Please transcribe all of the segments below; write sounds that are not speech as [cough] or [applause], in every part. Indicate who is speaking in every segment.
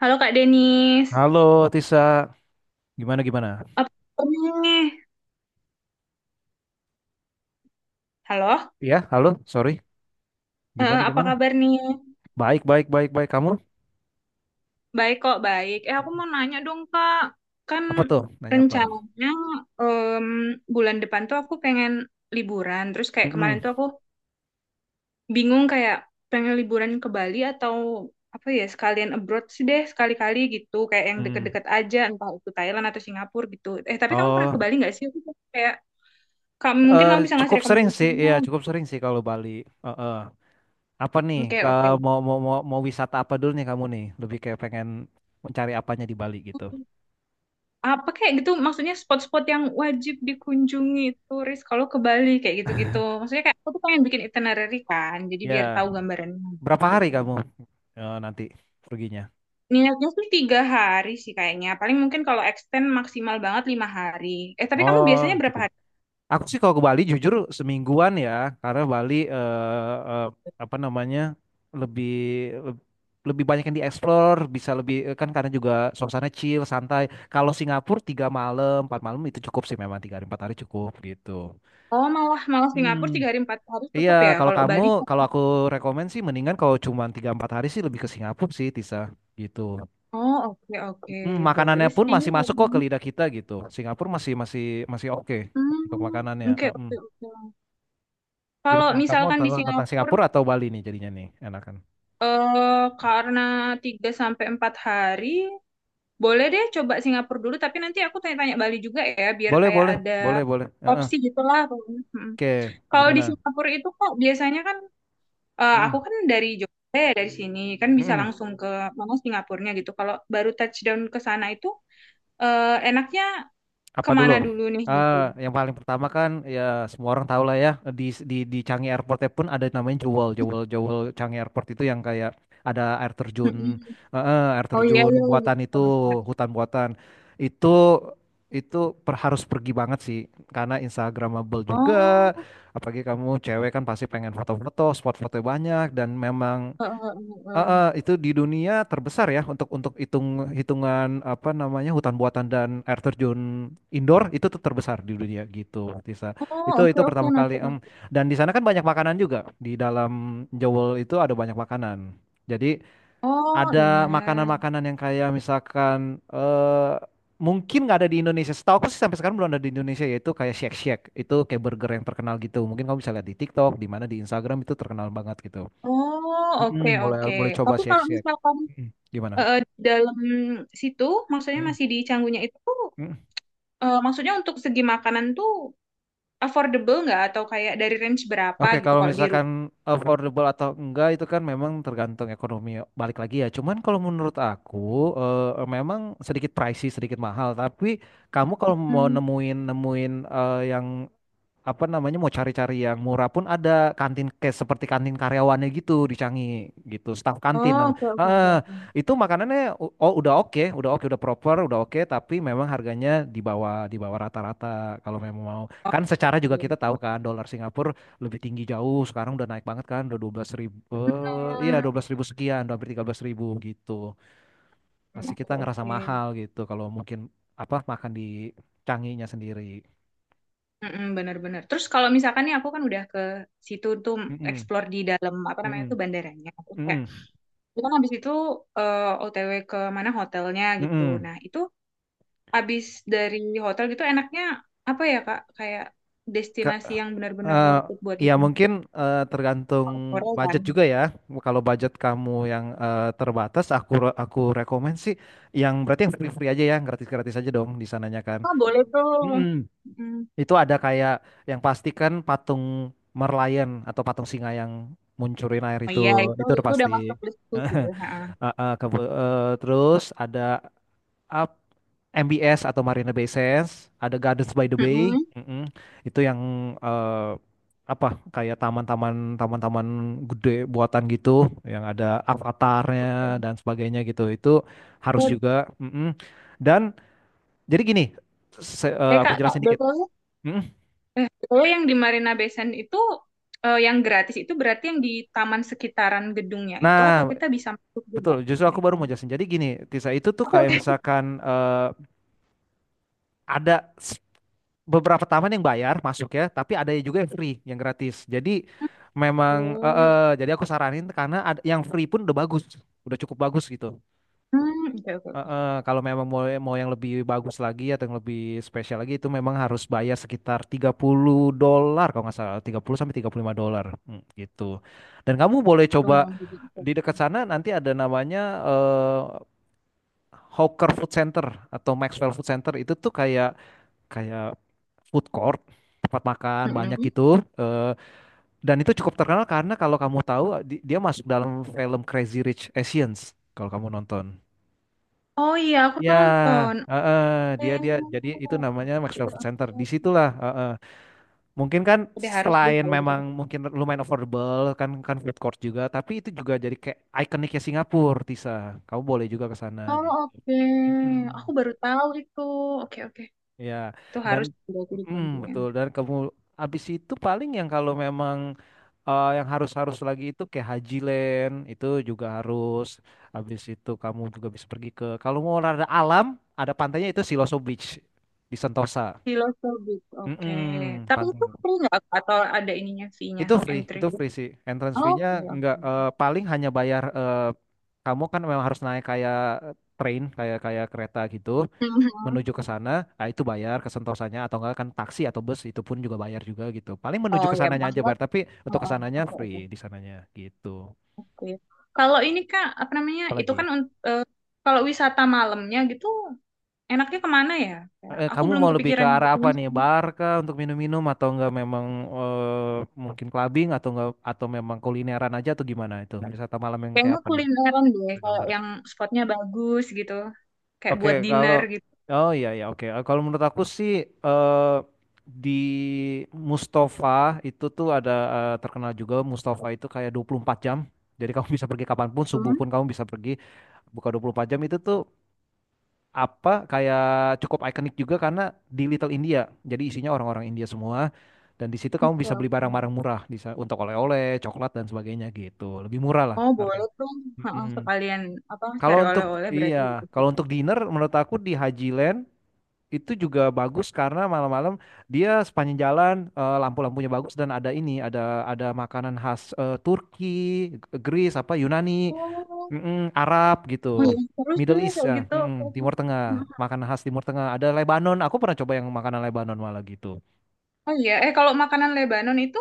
Speaker 1: Halo Kak Denis,
Speaker 2: Halo Tisa, gimana gimana?
Speaker 1: apa kabar nih? Halo.
Speaker 2: Iya, halo, sorry, gimana
Speaker 1: Apa
Speaker 2: gimana?
Speaker 1: kabar nih?
Speaker 2: Baik baik baik baik kamu
Speaker 1: Baik kok, baik. Aku mau nanya dong Kak, kan
Speaker 2: apa tuh? Nanya apa?
Speaker 1: rencananya em, bulan depan tuh aku pengen liburan. Terus kayak kemarin
Speaker 2: Mm-mm.
Speaker 1: tuh aku bingung kayak pengen liburan ke Bali atau apa ya sekalian abroad sih deh sekali-kali gitu. Kayak yang
Speaker 2: Mm.
Speaker 1: deket-deket aja, entah itu Thailand atau Singapura gitu. Tapi kamu pernah ke
Speaker 2: Oh,
Speaker 1: Bali nggak sih? Aku kayak kamu mungkin
Speaker 2: eh,
Speaker 1: kamu bisa ngasih
Speaker 2: cukup sering sih,
Speaker 1: rekomendasinya.
Speaker 2: iya cukup sering sih kalau Bali. Eh, eh. Apa nih?
Speaker 1: Oke,
Speaker 2: Ke,
Speaker 1: oke.
Speaker 2: mau, mau mau mau wisata apa dulu nih kamu nih? Lebih kayak pengen mencari apanya di Bali gitu?
Speaker 1: Apa kayak gitu maksudnya spot-spot yang wajib dikunjungi turis kalau ke Bali kayak gitu-gitu, maksudnya kayak aku tuh pengen bikin itinerary kan, jadi biar
Speaker 2: Ya,
Speaker 1: tahu gambarannya
Speaker 2: berapa
Speaker 1: gitu.
Speaker 2: hari kamu nanti perginya?
Speaker 1: Niatnya sih tiga hari sih kayaknya, paling mungkin kalau extend maksimal banget lima hari. Tapi kamu
Speaker 2: Oh,
Speaker 1: biasanya berapa
Speaker 2: cukup.
Speaker 1: hari?
Speaker 2: Aku sih kalau ke Bali jujur semingguan ya, karena Bali apa namanya lebih leb- lebih banyak yang dieksplor, bisa lebih kan karena juga suasana chill, santai. Kalau Singapura tiga malam, empat malam itu cukup sih, memang tiga hari empat hari cukup gitu.
Speaker 1: Oh, malah malah
Speaker 2: Hmm.
Speaker 1: Singapura tiga hari empat hari
Speaker 2: Iya,
Speaker 1: cukup ya,
Speaker 2: kalau
Speaker 1: kalau
Speaker 2: kamu,
Speaker 1: Bali kan?
Speaker 2: kalau aku rekomen sih mendingan kalau cuma tiga empat hari sih lebih ke Singapura sih, Tisa, gitu.
Speaker 1: Oh, oke, oke.
Speaker 2: Hmm, makanannya
Speaker 1: Boleh
Speaker 2: pun
Speaker 1: sih.
Speaker 2: masih masuk kok ke lidah kita gitu. Singapura masih masih masih oke untuk makanannya.
Speaker 1: Hmm, oke,
Speaker 2: Mm.
Speaker 1: oke, oke. Kalau
Speaker 2: Gimana kamu
Speaker 1: misalkan di
Speaker 2: tentang, tentang
Speaker 1: Singapura,
Speaker 2: Singapura atau Bali nih jadinya nih enakan?
Speaker 1: karena 3 sampai 4 hari. Boleh deh coba Singapura dulu, tapi nanti aku tanya-tanya Bali juga ya, biar
Speaker 2: Boleh
Speaker 1: kayak
Speaker 2: boleh
Speaker 1: ada
Speaker 2: boleh boleh. Heeh.
Speaker 1: opsi gitulah. Pokoknya.
Speaker 2: Oke,
Speaker 1: Kalau di
Speaker 2: gimana?
Speaker 1: Singapura itu kok biasanya kan, aku
Speaker 2: Mm-mm.
Speaker 1: kan dari Jogja ya, dari sini, kan bisa
Speaker 2: Mm-mm.
Speaker 1: langsung ke mana Singapurnya gitu. Kalau baru touchdown ke sana itu, enaknya
Speaker 2: Apa dulu?
Speaker 1: kemana dulu nih gitu.
Speaker 2: Yang paling pertama kan ya semua orang tahu lah ya, di di Changi Airportnya pun ada namanya Jewel Jewel Jewel Changi Airport itu yang kayak ada air terjun,
Speaker 1: Mm-mm.
Speaker 2: air
Speaker 1: Oh, iya
Speaker 2: terjun
Speaker 1: iya
Speaker 2: buatan
Speaker 1: gitu.
Speaker 2: itu,
Speaker 1: Bentar.
Speaker 2: hutan buatan. Itu itu harus pergi banget sih karena Instagramable juga,
Speaker 1: Oh,
Speaker 2: apalagi kamu cewek kan pasti pengen foto-foto, spot foto banyak, dan memang
Speaker 1: eh, eh, eh, eh.
Speaker 2: Itu di dunia terbesar ya untuk hitungan apa namanya, hutan buatan dan air terjun indoor itu tuh terbesar di dunia gitu Tisa.
Speaker 1: Oh,
Speaker 2: Itu
Speaker 1: oke, oke,
Speaker 2: pertama
Speaker 1: noted,
Speaker 2: kali
Speaker 1: noted.
Speaker 2: Dan di sana kan banyak makanan juga. Di dalam Jewel itu ada banyak makanan. Jadi
Speaker 1: Oh iya.
Speaker 2: ada makanan-makanan yang kayak misalkan mungkin nggak ada di Indonesia. Setahu aku sih sampai sekarang belum ada di Indonesia, yaitu kayak Shake Shack itu, kayak burger yang terkenal gitu. Mungkin kamu bisa lihat di TikTok, di mana di Instagram itu terkenal banget gitu.
Speaker 1: Oh,
Speaker 2: Mm-mm,
Speaker 1: oke,
Speaker 2: boleh
Speaker 1: oke.
Speaker 2: boleh coba
Speaker 1: Tapi kalau
Speaker 2: siak-siak.
Speaker 1: misalkan
Speaker 2: Mm-mm. Gimana?
Speaker 1: di dalam situ, maksudnya
Speaker 2: Mm-mm,
Speaker 1: masih di Canggunya itu, tuh,
Speaker 2: mm-mm.
Speaker 1: maksudnya untuk segi makanan tuh affordable nggak, atau kayak dari range berapa
Speaker 2: Oke,
Speaker 1: gitu
Speaker 2: kalau
Speaker 1: kalau di
Speaker 2: misalkan
Speaker 1: Rupiah?
Speaker 2: affordable atau enggak itu kan memang tergantung ekonomi, balik lagi ya. Cuman kalau menurut aku memang sedikit pricey, sedikit mahal. Tapi kamu kalau mau
Speaker 1: Hmm.
Speaker 2: nemuin nemuin yang apa namanya, mau cari-cari yang murah pun ada kantin, kayak seperti kantin karyawannya gitu di Canggih gitu, staf kantin
Speaker 1: Oh,
Speaker 2: namanya.
Speaker 1: oke, oke, oke, oke.
Speaker 2: Itu makanannya oh udah oke, udah oke, udah proper, udah oke, tapi memang harganya di bawah rata-rata. Kalau memang mau, kan secara juga kita tahu
Speaker 1: Oke.
Speaker 2: kan dolar Singapura lebih tinggi jauh sekarang, udah naik banget kan, udah dua belas ribu, iya
Speaker 1: Hmm.
Speaker 2: dua belas ribu sekian, udah hampir tiga belas ribu gitu, masih kita
Speaker 1: Oke,
Speaker 2: ngerasa
Speaker 1: oke.
Speaker 2: mahal gitu kalau mungkin apa makan di Canggihnya sendiri.
Speaker 1: Mm-mm, bener-bener. Terus kalau misalkan nih aku kan udah ke situ tuh,
Speaker 2: Mm-mm,
Speaker 1: explore di dalam apa namanya
Speaker 2: mm-mm,
Speaker 1: tuh bandaranya. Terus kayak,
Speaker 2: mm-mm.
Speaker 1: itu kan habis itu OTW ke mana hotelnya gitu.
Speaker 2: Mm-mm.
Speaker 1: Nah itu abis dari hotel gitu, enaknya apa ya Kak? Kayak
Speaker 2: Ka-
Speaker 1: destinasi yang benar-benar
Speaker 2: eh,
Speaker 1: worth it buat
Speaker 2: ya
Speaker 1: dikunjungi.
Speaker 2: mungkin tergantung
Speaker 1: Korea kan?
Speaker 2: budget juga ya. Kalau budget kamu yang terbatas, aku rekomend sih yang berarti yang free-free aja ya, yang gratis-gratis aja dong di sananya kan.
Speaker 1: Oh, boleh tuh.
Speaker 2: Mm-mm.
Speaker 1: Mm.
Speaker 2: Itu ada kayak yang pasti kan patung Merlion, atau patung singa yang muncurin air
Speaker 1: Oh iya,
Speaker 2: itu udah
Speaker 1: itu udah
Speaker 2: pasti.
Speaker 1: masuk listku sih.
Speaker 2: [laughs]
Speaker 1: Ha.
Speaker 2: Eh, eh, ke- Terus ada up MBS atau Marina Bay Sands, ada Gardens by the Bay,
Speaker 1: Mm-mm.
Speaker 2: mm-mm. Itu yang eh, apa, kayak taman-taman gede buatan gitu, yang ada avatarnya dan sebagainya gitu. Itu harus
Speaker 1: Eh
Speaker 2: juga, mm-mm. Dan jadi gini,
Speaker 1: eh,
Speaker 2: aku
Speaker 1: Kak, Kak,
Speaker 2: jelasin dikit.
Speaker 1: BTW,
Speaker 2: Mm-mm.
Speaker 1: BTW yang di Marina Bay Sands itu, yang gratis itu berarti yang di taman sekitaran gedungnya itu, atau
Speaker 2: Nah,
Speaker 1: kita bisa masuk juga?
Speaker 2: betul. Justru aku
Speaker 1: Naik
Speaker 2: baru mau
Speaker 1: ke-
Speaker 2: jelasin. Jadi gini Tisa, itu tuh kayak misalkan ada beberapa taman yang bayar masuk ya, tapi ada juga yang free, yang gratis. Jadi memang
Speaker 1: Hmm,
Speaker 2: jadi aku saranin karena ada, yang free pun udah bagus, udah cukup bagus gitu.
Speaker 1: oke, oke. Oke.
Speaker 2: Kalau memang mau mau yang lebih bagus lagi atau yang lebih spesial lagi itu memang harus bayar sekitar 30 dolar, kalau nggak salah 30 sampai 35 dolar. Hmm, gitu. Dan kamu boleh coba
Speaker 1: Lumayan juga. Oke,
Speaker 2: di
Speaker 1: oke.
Speaker 2: dekat sana nanti, ada namanya eh, Hawker Food Center atau Maxwell Food Center, itu tuh kayak kayak food court, tempat makan banyak
Speaker 1: Mm-mm.
Speaker 2: gitu. Eh, dan itu cukup terkenal karena kalau kamu tahu, dia masuk dalam film Crazy Rich Asians, kalau kamu nonton
Speaker 1: Oh iya, aku
Speaker 2: ya.
Speaker 1: nonton.
Speaker 2: Heeh, dia dia
Speaker 1: Hmm.
Speaker 2: jadi itu namanya
Speaker 1: Oke,
Speaker 2: Maxwell Food
Speaker 1: oke.
Speaker 2: Center, di situlah. Heeh, mungkin kan,
Speaker 1: Udah harus deh
Speaker 2: selain
Speaker 1: kalau gitu.
Speaker 2: memang mungkin lumayan affordable kan, kan food court juga, tapi itu juga jadi kayak ikoniknya Singapura Tisa, kamu boleh juga ke sana
Speaker 1: Oh,
Speaker 2: gitu.
Speaker 1: oke. Aku
Speaker 2: Mm-mm.
Speaker 1: baru tahu itu. Oke, oke.
Speaker 2: Ya,
Speaker 1: Itu harus
Speaker 2: dan
Speaker 1: berarti di
Speaker 2: mm,
Speaker 1: kontingen.
Speaker 2: betul. Dan kamu habis itu paling, yang kalau memang yang harus harus lagi itu kayak Haji Land, itu juga harus. Habis itu kamu juga bisa pergi ke, kalau mau olahraga alam, ada pantainya itu Siloso Beach di Sentosa.
Speaker 1: Filosobis. Oke.
Speaker 2: Mm-mm,
Speaker 1: Tapi
Speaker 2: pantai
Speaker 1: itu free nggak? Atau ada ininya, fee-nya,
Speaker 2: itu free,
Speaker 1: entry
Speaker 2: itu
Speaker 1: fee?
Speaker 2: free sih entrance fee-nya,
Speaker 1: Oke,
Speaker 2: nggak
Speaker 1: oke.
Speaker 2: paling hanya bayar, kamu kan memang harus naik kayak train, kayak kayak kereta gitu
Speaker 1: Mhm.
Speaker 2: menuju ke sana. Nah itu bayar ke Sentosanya, atau enggak kan taksi atau bus itu pun juga bayar juga gitu, paling menuju
Speaker 1: Oh
Speaker 2: ke
Speaker 1: ya,
Speaker 2: sananya aja
Speaker 1: maksudnya.
Speaker 2: bayar, tapi untuk ke
Speaker 1: Heeh.
Speaker 2: sananya
Speaker 1: Oke,
Speaker 2: free
Speaker 1: oke.
Speaker 2: di sananya gitu.
Speaker 1: Oke. Kalau ini Kak, apa namanya? Itu kan
Speaker 2: Apalagi
Speaker 1: kalau wisata malamnya gitu, enaknya kemana ya? Kayak aku
Speaker 2: Kamu
Speaker 1: belum
Speaker 2: mau lebih ke
Speaker 1: kepikiran yang
Speaker 2: arah apa
Speaker 1: itunya.
Speaker 2: nih? Bar kah, untuk minum-minum, atau enggak memang mungkin clubbing, atau enggak atau memang kulineran aja, atau gimana itu? Wisata malam yang kayak
Speaker 1: Kayaknya
Speaker 2: apa nih?
Speaker 1: kulineran deh,
Speaker 2: Ada
Speaker 1: kayak
Speaker 2: Gambar.
Speaker 1: yang spotnya bagus gitu. Kayak
Speaker 2: Oke,
Speaker 1: buat
Speaker 2: kalau
Speaker 1: dinner gitu.
Speaker 2: oh iya iya oke. Kalau menurut aku sih, eh, di Mustafa itu tuh ada, terkenal juga Mustafa itu, kayak 24 jam. Jadi kamu bisa pergi kapanpun, subuh pun
Speaker 1: Hmm,
Speaker 2: kamu bisa pergi. Buka 24 jam itu tuh apa, kayak cukup ikonik juga karena di Little India. Jadi isinya orang-orang India semua, dan di situ kamu
Speaker 1: oke,
Speaker 2: bisa beli
Speaker 1: oke.
Speaker 2: barang-barang murah, bisa untuk oleh-oleh, coklat dan sebagainya gitu. Lebih murah lah
Speaker 1: Oh, boleh
Speaker 2: harganya.
Speaker 1: tuh. Heeh,
Speaker 2: Mm-mm.
Speaker 1: sekalian apa
Speaker 2: Kalau
Speaker 1: cari
Speaker 2: untuk
Speaker 1: oleh-oleh
Speaker 2: iya,
Speaker 1: berarti gitu.
Speaker 2: kalau untuk dinner menurut aku di Haji Land itu juga bagus, karena malam-malam dia sepanjang jalan lampu-lampunya bagus, dan ada ini, ada makanan khas Turki, Greece apa Yunani,
Speaker 1: Oh,
Speaker 2: mm-mm, Arab
Speaker 1: oh
Speaker 2: gitu,
Speaker 1: iya, terus sih
Speaker 2: Middle East
Speaker 1: kayak
Speaker 2: ya,
Speaker 1: gitu.
Speaker 2: mm-mm,
Speaker 1: Oke.
Speaker 2: Timur Tengah, makanan khas Timur Tengah. Ada Lebanon, aku pernah coba yang makanan Lebanon malah gitu.
Speaker 1: Oh iya, kalau makanan Lebanon itu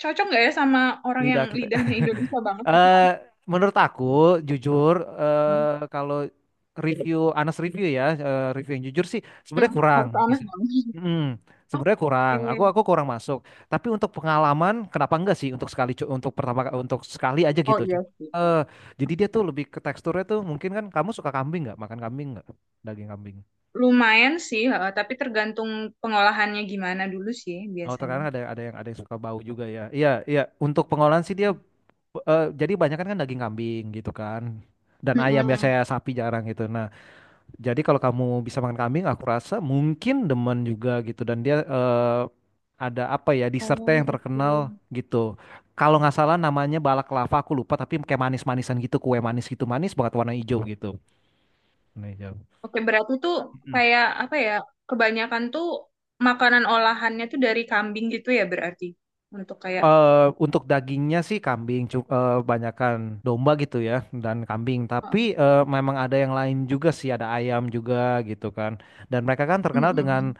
Speaker 1: cocok nggak ya sama orang yang
Speaker 2: Lidah kita.
Speaker 1: lidahnya Indonesia
Speaker 2: [laughs]
Speaker 1: banget gitu kan?
Speaker 2: Eh, Menurut aku, jujur,
Speaker 1: Hmm.
Speaker 2: kalau review, honest review ya, review yang jujur sih,
Speaker 1: Hmm,
Speaker 2: sebenarnya kurang
Speaker 1: harus
Speaker 2: di
Speaker 1: aneh
Speaker 2: sini.
Speaker 1: dong.
Speaker 2: Mm, sebenarnya kurang. Aku
Speaker 1: Oke.
Speaker 2: aku kurang masuk. Tapi untuk pengalaman, kenapa enggak sih, untuk sekali, untuk pertama, untuk sekali aja
Speaker 1: Oh
Speaker 2: gitu.
Speaker 1: iya sih.
Speaker 2: Eh, jadi dia tuh lebih ke teksturnya tuh, mungkin kan kamu suka kambing nggak? Makan kambing nggak? Daging kambing.
Speaker 1: Lumayan sih, heeh, tapi tergantung pengolahannya gimana dulu sih
Speaker 2: Oh,
Speaker 1: biasanya.
Speaker 2: terkadang ada yang suka bau juga ya. Iya, iya. Untuk pengolahan sih dia jadi banyak kan daging kambing gitu kan, dan ayam, biasanya sapi jarang gitu. Nah, jadi kalau kamu bisa makan kambing aku rasa mungkin demen juga gitu. Dan dia ada apa ya,
Speaker 1: Oh,
Speaker 2: dessertnya yang terkenal
Speaker 1: oke.
Speaker 2: gitu, kalau nggak salah namanya balak lava, aku lupa, tapi kayak manis-manisan gitu, kue manis gitu, manis banget, warna hijau gitu, warna hijau
Speaker 1: Oke, berarti tuh
Speaker 2: Mm.
Speaker 1: kayak apa ya? Kebanyakan tuh makanan olahannya tuh dari kambing gitu ya berarti. Untuk kayak.
Speaker 2: Untuk dagingnya sih kambing, banyakan domba gitu ya, dan kambing. Tapi
Speaker 1: Heeh.
Speaker 2: memang ada yang lain juga sih, ada ayam juga gitu kan. Dan mereka kan terkenal dengan
Speaker 1: Mm-mm.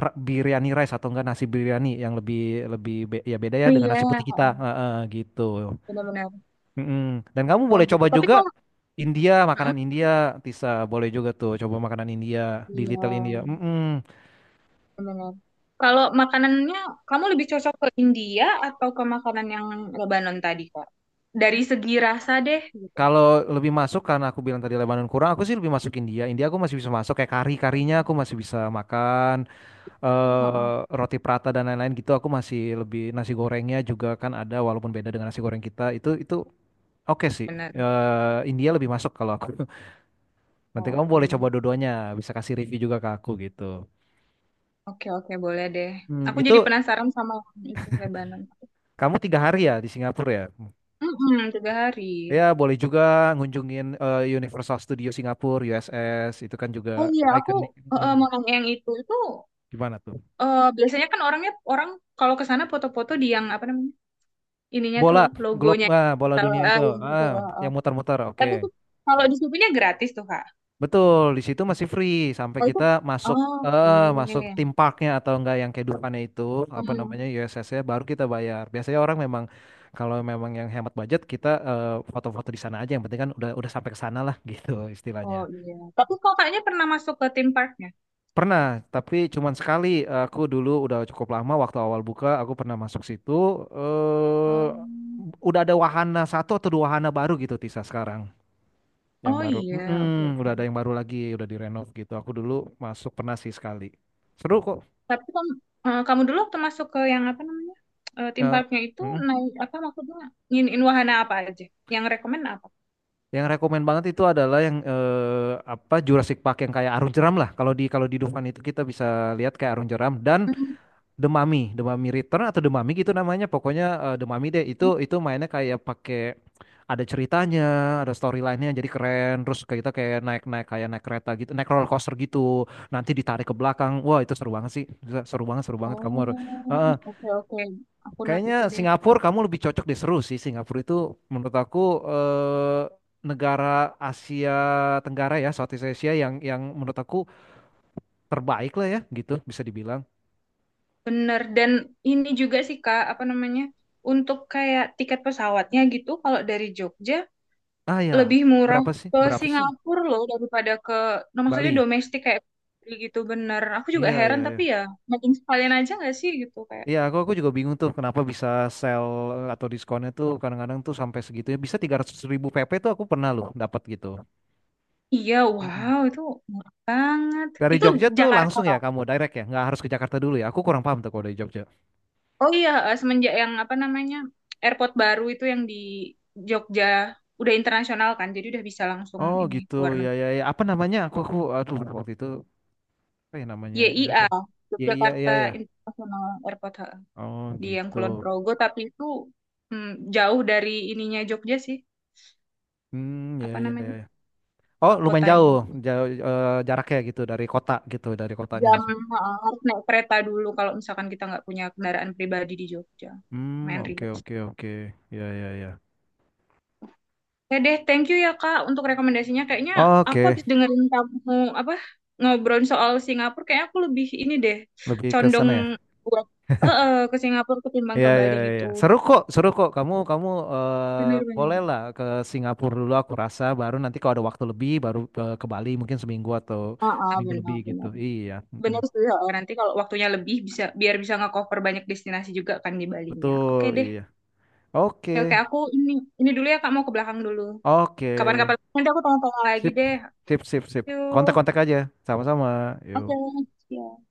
Speaker 2: biryani rice atau enggak nasi biryani, yang lebih lebih be- ya beda ya
Speaker 1: Oh
Speaker 2: dengan
Speaker 1: iya,
Speaker 2: nasi putih kita.
Speaker 1: heeh.
Speaker 2: Gitu.
Speaker 1: Benar-benar.
Speaker 2: Mm-mm. Dan kamu
Speaker 1: Oh
Speaker 2: boleh
Speaker 1: gitu.
Speaker 2: coba
Speaker 1: Tapi
Speaker 2: juga
Speaker 1: kalau.
Speaker 2: India,
Speaker 1: Heeh.
Speaker 2: makanan India, Tisa, boleh juga tuh coba makanan India di
Speaker 1: Iya,
Speaker 2: Little India. Mm-mm.
Speaker 1: benar. Kalau makanannya kamu lebih cocok ke India atau ke makanan yang Lebanon tadi, Kak? Dari segi rasa deh gitu.
Speaker 2: Kalau lebih masuk karena aku bilang tadi Lebanon kurang, aku sih lebih masuk India. India aku masih bisa masuk, kayak kari-karinya aku masih bisa makan,
Speaker 1: Heeh.
Speaker 2: roti prata dan lain-lain gitu. Aku masih lebih nasi gorengnya juga kan ada, walaupun beda dengan nasi goreng kita. Itu oke sih.
Speaker 1: Benar.
Speaker 2: Eh, India lebih masuk kalau aku. [laughs] Nanti kamu boleh
Speaker 1: Oke.
Speaker 2: coba dua-duanya, bisa kasih review juga ke aku gitu.
Speaker 1: Oke, oke, boleh deh.
Speaker 2: Hmm,
Speaker 1: Aku jadi
Speaker 2: itu
Speaker 1: penasaran sama yang itu Lebanon.
Speaker 2: kamu tiga hari ya di Singapura ya?
Speaker 1: Mm-mm, tiga hari.
Speaker 2: Ya boleh juga ngunjungin Universal Studio Singapura, USS itu kan juga
Speaker 1: Oh iya, aku
Speaker 2: ikonik. Hmm,
Speaker 1: mau nanya yang itu. Itu
Speaker 2: gimana tuh?
Speaker 1: biasanya kan orangnya orang kalau ke sana foto-foto di yang apa namanya? Ininya tuh
Speaker 2: Bola,
Speaker 1: loh,
Speaker 2: glob,
Speaker 1: logonya.
Speaker 2: ah, bola
Speaker 1: Kalau
Speaker 2: dunia itu,
Speaker 1: yang itu
Speaker 2: ah,
Speaker 1: loh, eh.
Speaker 2: yang muter-muter, oke.
Speaker 1: Tapi tuh kalau di Shopee-nya gratis tuh, Kak.
Speaker 2: Betul, di situ masih free sampai
Speaker 1: Oh itu,
Speaker 2: kita masuk,
Speaker 1: oh,
Speaker 2: masuk tim
Speaker 1: oke.
Speaker 2: parknya atau enggak, yang kehidupannya itu, apa
Speaker 1: Hmm.
Speaker 2: namanya, USS ya, baru kita bayar. Biasanya orang memang kalau memang yang hemat budget kita, foto-foto di sana aja, yang penting kan udah sampai ke sana lah, [laughs] gitu istilahnya.
Speaker 1: Oh iya. Tapi kok kayaknya pernah masuk ke theme parknya?
Speaker 2: Pernah, tapi cuman sekali. Aku dulu udah cukup lama waktu awal buka, aku pernah masuk situ, eh
Speaker 1: Hmm.
Speaker 2: udah ada wahana, satu atau dua wahana baru gitu Tisa sekarang. Yang
Speaker 1: Oh
Speaker 2: baru.
Speaker 1: iya, oke.
Speaker 2: Mm-mm, udah ada
Speaker 1: Oke.
Speaker 2: yang baru lagi, udah direnov gitu. Aku dulu masuk pernah sih sekali. Seru kok.
Speaker 1: Tapi kamu, kamu dulu waktu masuk ke yang apa namanya? Theme
Speaker 2: Eh,
Speaker 1: parknya itu
Speaker 2: mm.
Speaker 1: naik apa maksudnya? Nginiin wahana apa aja? Yang rekomen apa?
Speaker 2: Yang rekomend banget itu adalah yang apa, Jurassic Park yang kayak Arung Jeram lah. Kalau di Dufan itu kita bisa lihat kayak Arung Jeram. Dan The Mummy, The Mummy Return atau The Mummy gitu namanya. Pokoknya The Mummy deh itu mainnya kayak pakai, ada ceritanya, ada storyline-nya, jadi keren. Terus kayak kita kayak naik-naik, kayak naik kereta gitu, naik roller coaster gitu. Nanti ditarik ke belakang. Wah, itu seru banget sih. Seru banget, seru banget, kamu
Speaker 1: Oh,
Speaker 2: harus. Eh, eh,
Speaker 1: oke, oke. Aku note
Speaker 2: kayaknya
Speaker 1: itu deh.
Speaker 2: Singapura kamu lebih cocok deh, seru sih. Singapura itu menurut aku eh negara Asia Tenggara ya, Southeast Asia, yang menurut aku terbaik lah ya gitu, bisa dibilang.
Speaker 1: Bener. Dan ini juga sih Kak, apa namanya? Untuk kayak tiket pesawatnya gitu, kalau dari Jogja
Speaker 2: Ah ya,
Speaker 1: lebih murah
Speaker 2: berapa sih?
Speaker 1: ke
Speaker 2: Berapa sih?
Speaker 1: Singapura loh daripada ke, no, maksudnya
Speaker 2: Bali.
Speaker 1: domestik kayak gitu, bener. Aku juga
Speaker 2: Iya, iya,
Speaker 1: heran,
Speaker 2: iya.
Speaker 1: tapi ya makin sekalian aja nggak sih gitu kayak.
Speaker 2: Iya, aku juga bingung tuh kenapa bisa sell, atau diskonnya tuh kadang-kadang tuh sampai segitunya. Bisa 300 ribu PP tuh aku pernah loh dapat gitu.
Speaker 1: Iya,
Speaker 2: Mm-mm.
Speaker 1: wow itu murah banget.
Speaker 2: Dari
Speaker 1: Itu
Speaker 2: Jogja tuh
Speaker 1: Jakarta.
Speaker 2: langsung ya, kamu direct ya, nggak harus ke Jakarta dulu ya. Aku kurang paham tuh kalau dari Jogja.
Speaker 1: Oh iya, semenjak yang apa namanya airport baru itu yang di Jogja udah internasional kan, jadi udah bisa langsung
Speaker 2: Oh
Speaker 1: ini
Speaker 2: gitu,
Speaker 1: ke luar
Speaker 2: ya
Speaker 1: negeri.
Speaker 2: ya ya. Apa namanya? Aku aduh, waktu itu apa ya namanya? Ya aku.
Speaker 1: YIA,
Speaker 2: Iya iya iya
Speaker 1: Yogyakarta
Speaker 2: ya.
Speaker 1: International Airport. Ha.
Speaker 2: Oh
Speaker 1: Di yang
Speaker 2: gitu.
Speaker 1: Kulon Progo, tapi itu mm, jauh dari ininya Jogja sih,
Speaker 2: Hmm, ya
Speaker 1: apa
Speaker 2: ya ya.
Speaker 1: namanya
Speaker 2: Ya. Oh lumayan
Speaker 1: kotanya.
Speaker 2: jauh, jauh, jaraknya gitu dari kota, gitu dari kotanya
Speaker 1: Jam,
Speaker 2: masuk.
Speaker 1: ha, harus naik kereta dulu kalau misalkan kita nggak punya kendaraan pribadi di Jogja,
Speaker 2: Hmm,
Speaker 1: main
Speaker 2: oke
Speaker 1: ribet.
Speaker 2: oke oke. Ya ya ya.
Speaker 1: Ya deh, thank you ya Kak untuk rekomendasinya. Kayaknya aku
Speaker 2: Oke.
Speaker 1: habis dengerin kamu apa ngobrol soal Singapura, kayak aku lebih ini deh,
Speaker 2: Lebih ke
Speaker 1: condong
Speaker 2: sana ya.
Speaker 1: buat
Speaker 2: [laughs]
Speaker 1: ke Singapura ketimbang
Speaker 2: Iya,
Speaker 1: ke
Speaker 2: iya,
Speaker 1: Bali gitu.
Speaker 2: iya. Seru kok, seru kok. Kamu kamu eh
Speaker 1: Benar-benar.
Speaker 2: bolehlah ke Singapura dulu aku rasa, baru nanti kalau ada waktu lebih baru ke Bali mungkin seminggu atau
Speaker 1: Ah,
Speaker 2: seminggu lebih gitu.
Speaker 1: benar-benar.
Speaker 2: Iya. Mm-mm.
Speaker 1: Benar sih. Heeh. Nanti kalau waktunya lebih bisa biar bisa nge-cover banyak destinasi juga kan di Balinya.
Speaker 2: Betul,
Speaker 1: Oke deh.
Speaker 2: iya. Oke.
Speaker 1: Ya, oke aku ini dulu ya Kak, mau ke belakang dulu.
Speaker 2: Oke.
Speaker 1: Kapan-kapan nanti aku tanya-tanya lagi
Speaker 2: Sip.
Speaker 1: deh.
Speaker 2: Sip, sip, sip.
Speaker 1: Yuk.
Speaker 2: Kontak-kontak aja. Sama-sama.
Speaker 1: Oke.
Speaker 2: Yuk.
Speaker 1: Ya.